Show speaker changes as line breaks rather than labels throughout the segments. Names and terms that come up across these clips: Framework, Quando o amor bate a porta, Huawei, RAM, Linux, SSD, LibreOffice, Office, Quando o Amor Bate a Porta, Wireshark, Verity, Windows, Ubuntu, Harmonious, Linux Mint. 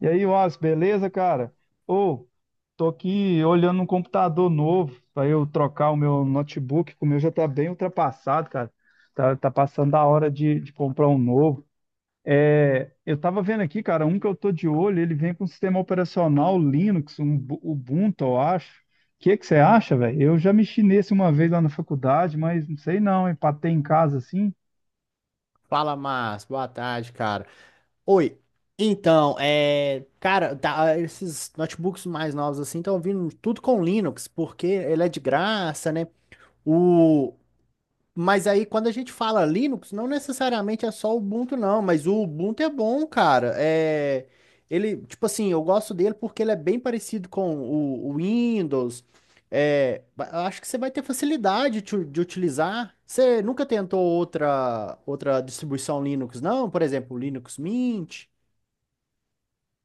E aí, Wallace, beleza, cara? Ô, tô aqui olhando um computador novo para eu trocar o meu notebook, que o meu já tá bem ultrapassado, cara. Tá, tá passando a hora de comprar um novo. Eu tava vendo aqui, cara, um que eu tô de olho, ele vem com um sistema operacional Linux, um Ubuntu, eu acho. O que que você acha, velho? Eu já mexi nesse uma vez lá na faculdade, mas não sei não, hein? Pra ter em casa assim.
Fala, Márcio. Boa tarde, cara. Oi. Então, esses notebooks mais novos assim estão vindo tudo com Linux, porque ele é de graça, né? O, mas aí, quando a gente fala Linux, não necessariamente é só o Ubuntu, não. Mas o Ubuntu é bom, cara. Ele, tipo assim, eu gosto dele porque ele é bem parecido com o Windows. Eu acho que você vai ter facilidade de utilizar. Você nunca tentou outra distribuição Linux, não? Por exemplo, Linux Mint.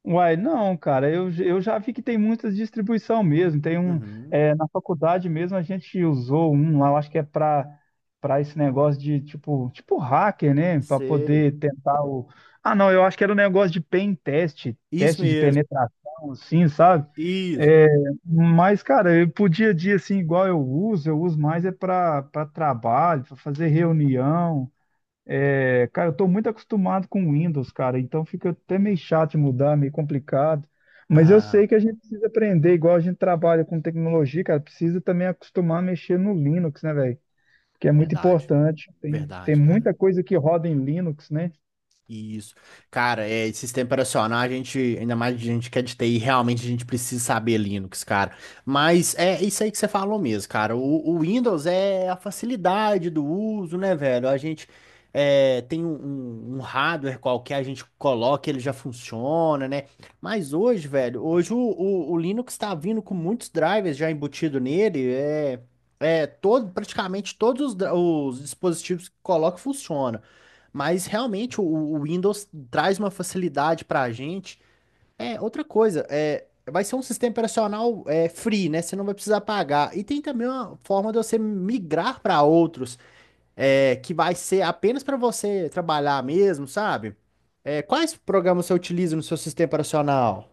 Uai, não, cara, eu já vi que tem muitas distribuição mesmo. Tem um,
Uhum,
é, na faculdade mesmo a gente usou um lá, eu acho que é para esse negócio de tipo hacker, né? Para
sei.
poder tentar o. Ah, não, eu acho que era um negócio de pen test,
Isso
teste de
mesmo.
penetração, assim, sabe?
Isso.
É, mas, cara, eu pro dia a dia, assim, igual eu uso mais é para trabalho, para fazer reunião. É, cara, eu tô muito acostumado com Windows, cara, então fica até meio chato de mudar, meio complicado. Mas eu
Ah,
sei que a gente precisa aprender, igual a gente trabalha com tecnologia, cara, precisa também acostumar a mexer no Linux, né, velho? Que é muito
verdade.
importante. Tem, tem
Verdade, cara.
muita coisa que roda em Linux, né?
Isso. Cara, sistema operacional, a gente, ainda mais a gente que é de TI, realmente a gente precisa saber Linux, cara. Mas é isso aí que você falou mesmo, cara. O Windows é a facilidade do uso, né, velho? Tem um, um hardware qualquer, a gente coloca, ele já funciona, né? Mas hoje, velho, hoje o Linux tá vindo com muitos drivers já embutido nele, é, todo, praticamente todos os, os dispositivos que coloca funcionam. Mas realmente o Windows traz uma facilidade para a gente. Outra coisa, vai ser um sistema operacional free, né? Você não vai precisar pagar. E tem também uma forma de você migrar para outros, que vai ser apenas para você trabalhar mesmo, sabe? É, quais programas você utiliza no seu sistema operacional?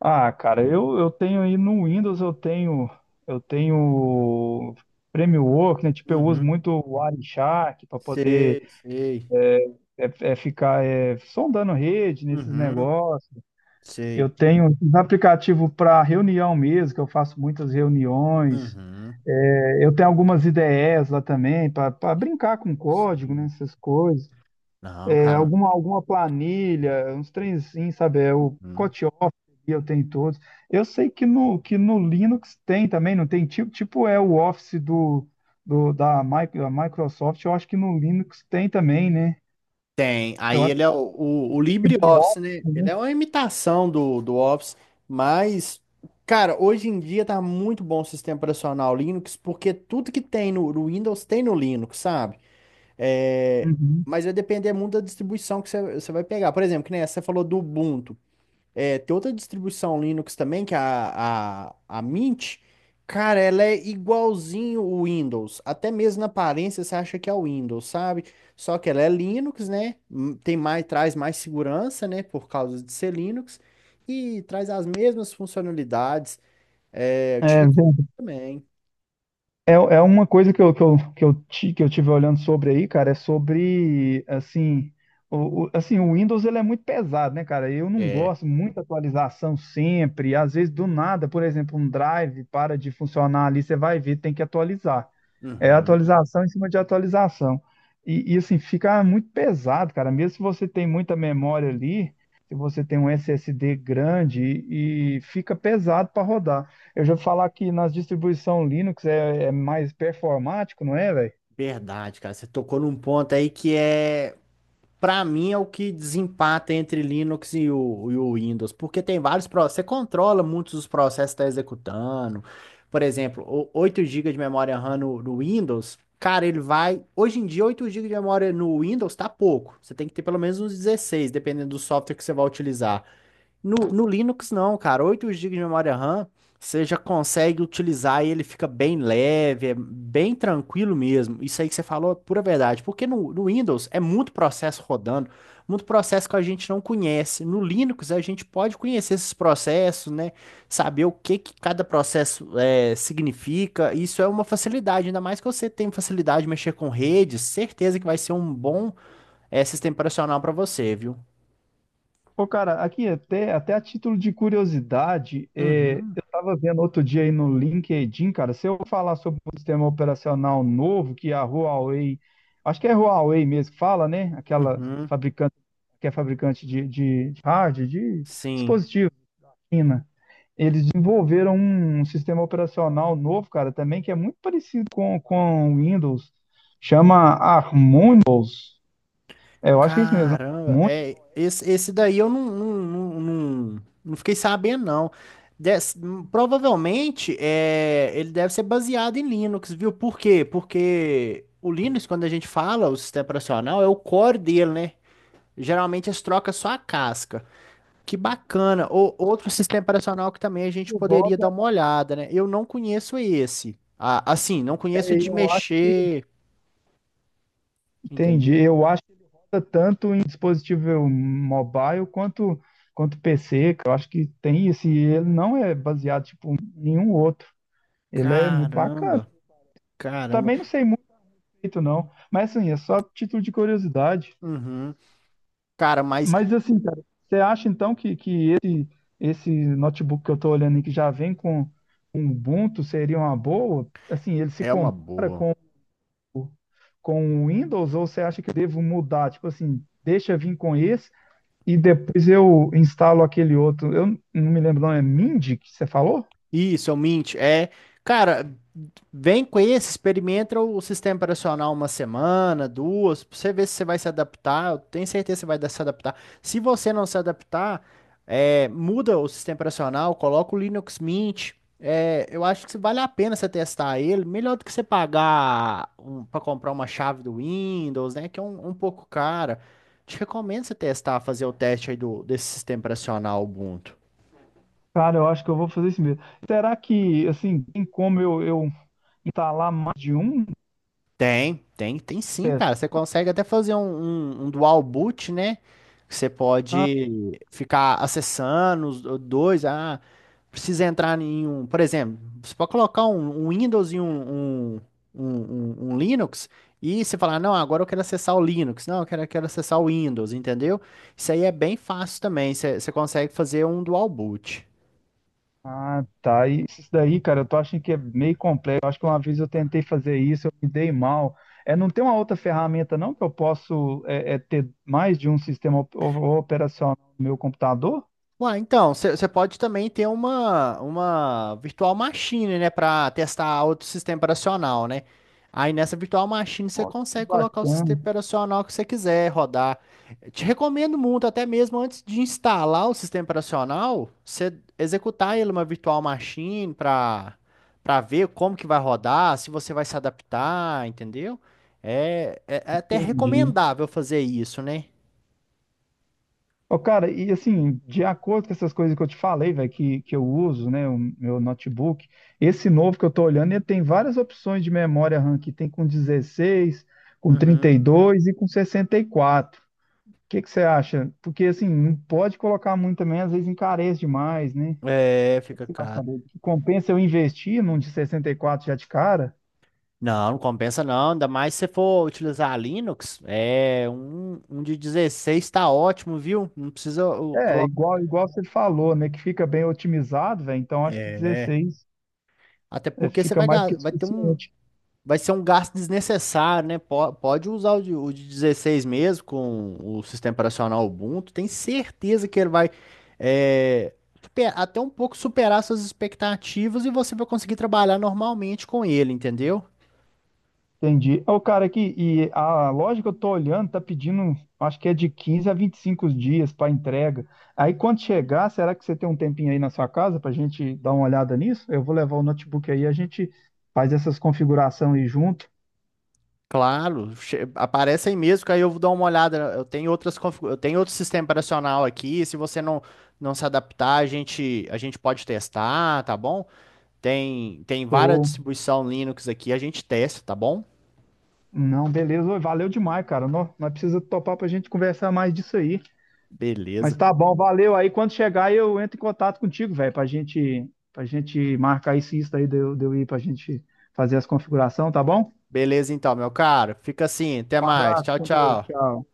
Ah, cara, eu tenho aí no Windows, eu tenho Framework, né? Tipo, eu uso
Uhum.
muito o Wireshark para poder
Sei, sei.
ficar sondando rede nesses
Uhum.
negócios. Eu
Sei.
tenho um aplicativo para reunião mesmo, que eu faço muitas reuniões.
Uhum.
Eu tenho algumas ideias lá também, para brincar com código, né,
Sim.
essas coisas.
Não,
É,
cara.
alguma planilha, uns trenzinhos, sabe? É, o
Uhum.
pacote Office, eu tenho todos. Eu sei que que no Linux tem também, não tem tipo é o Office da da Microsoft, eu acho que no Linux tem também, né?
Tem.
Eu
Aí
acho
ele
que eu
é o,
vou falar
o, o
no LibreOffice,
LibreOffice, né? Ele
né?
é uma imitação do Office, mas, cara, hoje em dia tá muito bom o sistema operacional Linux, porque tudo que tem no, no Windows tem no Linux, sabe? É,
Uhum.
mas vai depender muito da distribuição que você vai pegar. Por exemplo, que nem essa, você falou do Ubuntu. É, tem outra distribuição Linux também, que é a, a Mint. Cara, ela é igualzinho o Windows. Até mesmo na aparência você acha que é o Windows, sabe? Só que ela é Linux, né? Tem mais, traz mais segurança, né? Por causa de ser Linux. E traz as mesmas funcionalidades. É, eu te
É,
recomendo também.
É, é uma coisa que eu, que eu, que eu, ti- que eu tive olhando sobre aí, cara, é sobre, assim, assim, o Windows ele é muito pesado, né, cara? Eu não
É.
gosto, muita atualização sempre, às vezes do nada, por exemplo, um drive para de funcionar ali, você vai ver, tem que atualizar. É
Uhum.
atualização em cima de atualização. Assim, fica muito pesado, cara. Mesmo se você tem muita memória ali, se você tem um SSD grande, e fica pesado para rodar. Eu já vou falar que nas distribuições Linux é mais performático, não é, velho?
Verdade, cara. Você tocou num ponto aí que é. Para mim é o que desempata entre Linux e o Windows, porque tem vários processos, você controla muitos dos processos que está executando. Por exemplo, 8 GB de memória RAM no Windows, cara, ele vai. Hoje em dia, 8 gigas de memória no Windows tá pouco. Você tem que ter pelo menos uns 16 dependendo do software que você vai utilizar. No, no Linux, não, cara. 8 gigas de memória RAM, você já consegue utilizar e ele fica bem leve, é bem tranquilo mesmo. Isso aí que você falou é pura verdade. Porque no Windows é muito processo rodando, muito processo que a gente não conhece. No Linux, a gente pode conhecer esses processos, né? Saber o que que cada processo é, significa. Isso é uma facilidade, ainda mais que você tem facilidade de mexer com redes. Certeza que vai ser um bom sistema operacional para você, viu?
Pô, cara, aqui até a título de curiosidade, é,
Uhum,
eu estava vendo outro dia aí no LinkedIn, cara, se eu falar sobre um sistema operacional novo que a Huawei, acho que é Huawei mesmo que fala, né? Aquela
uhum.
fabricante, que é fabricante de hardware, de
Sim.
dispositivo, China. Eles desenvolveram um sistema operacional novo, cara, também que é muito parecido com o Windows, chama Harmonious. É, eu acho que é isso mesmo,
Caramba,
Harmonious,
é, esse daí eu não fiquei sabendo, não. Des- Provavelmente é, ele deve ser baseado em Linux, viu? Por quê? Porque o Linux, quando a gente fala o sistema operacional, é o core dele, né? Geralmente eles trocam só a casca. Que bacana. Outro sistema operacional que também a gente poderia
roda,
dar uma olhada, né? Eu não conheço esse. Ah, assim, não conheço
é,
de
eu acho.
mexer,
Entendi.
entendeu?
Eu acho que ele roda tanto em dispositivo mobile quanto PC, que eu acho que tem esse. Ele não é baseado em nenhum outro. Ele é muito bacana.
Caramba, caramba.
Também não sei muito direito, não. Mas assim, é só título de curiosidade.
Uhum. Cara, mas
Mas assim, cara, você acha então esse notebook que eu estou olhando e que já vem com um Ubuntu seria uma boa? Assim, ele se
é uma
compara
boa.
com o Windows, ou você acha que eu devo mudar? Tipo assim, deixa vir com esse, e depois eu instalo aquele outro. Eu não me lembro, não. É Mindy que você falou?
Isso, é o Mint. É, cara, vem com esse, experimenta o sistema operacional uma semana, duas, pra você ver se você vai se adaptar. Eu tenho certeza que você vai se adaptar. Se você não se adaptar, muda o sistema operacional, coloca o Linux Mint. É, eu acho que se vale a pena você testar ele, melhor do que você pagar um, para comprar uma chave do Windows, né? Que é um, um pouco cara. Te recomendo você testar, fazer o teste aí do, desse sistema operacional Ubuntu.
Cara, eu acho que eu vou fazer isso mesmo. Será que, assim, tem como eu instalar mais de um
Tem sim,
teste?
cara. Você consegue até fazer um, um dual boot, né? Você
Ah,
pode ficar acessando os dois. Ah, precisa entrar em um. Por exemplo, você pode colocar um, um Windows e um, um, um Linux. E você falar, não, agora eu quero acessar o Linux. Não, eu quero, quero acessar o Windows, entendeu? Isso aí é bem fácil também. Você consegue fazer um dual boot.
ah, tá. E isso daí, cara, eu tô achando que é meio complexo. Eu acho que uma vez eu tentei fazer isso, eu me dei mal. É, não tem uma outra ferramenta, não, que eu posso ter mais de um sistema operacional no meu computador?
Ué, então, você pode também ter uma virtual machine, né, para testar outro sistema operacional, né? Aí nessa virtual machine você
Ó, que
consegue colocar o
bacana,
sistema operacional que você quiser rodar. Eu te recomendo muito, até mesmo antes de instalar o sistema operacional, você executar ele uma virtual machine para para ver como que vai rodar, se você vai se adaptar, entendeu? É até
entendi.
recomendável fazer isso, né?
Ô, cara, e assim, de acordo com essas coisas que eu te falei, velho, que eu uso, né, o meu notebook, esse novo que eu tô olhando, ele tem várias opções de memória RAM, que tem com 16, com trinta
Uhum.
e dois e com 64. O que que você acha? Porque assim, não pode colocar muito também, às vezes encarece demais, né? O
É,
que que
fica
você acha,
caro.
Fabrício? Compensa eu investir num de 64 já de cara?
Não, não compensa não, ainda mais se você for utilizar Linux, é um, um de 16 tá ótimo, viu? Não precisa
É,
colocar.
igual você falou, né, que fica bem otimizado, velho, então acho que
É,
16
até porque você
fica
vai,
mais do que
vai ter um,
suficiente.
vai ser um gasto desnecessário, né? Pode usar o de 16 mesmo com o sistema operacional Ubuntu. Tem certeza que ele vai é, até um pouco superar suas expectativas e você vai conseguir trabalhar normalmente com ele, entendeu?
Entendi. Ô, cara, aqui, e a loja que eu tô olhando tá pedindo, acho que é de 15 a 25 dias para entrega. Aí quando chegar, será que você tem um tempinho aí na sua casa pra gente dar uma olhada nisso? Eu vou levar o notebook aí, a gente faz essas configurações aí junto.
Claro, aparece aí mesmo, que aí eu vou dar uma olhada. Eu tenho outras, eu tenho outro sistema operacional aqui. Se você não, não se adaptar, a gente pode testar, tá bom? Tem, tem várias
Ou
distribuição Linux aqui, a gente testa, tá bom?
não, beleza. Ô, valeu demais, cara. Nós precisa topar pra gente conversar mais disso aí. Mas
Beleza.
tá bom, valeu. Aí quando chegar, eu entro em contato contigo, velho, pra gente marcar isso aí, de eu ir pra gente fazer as configurações, tá bom?
Beleza, então, meu caro. Fica assim, até
Um
mais.
abraço,
Tchau,
com Deus.
tchau.
Tchau.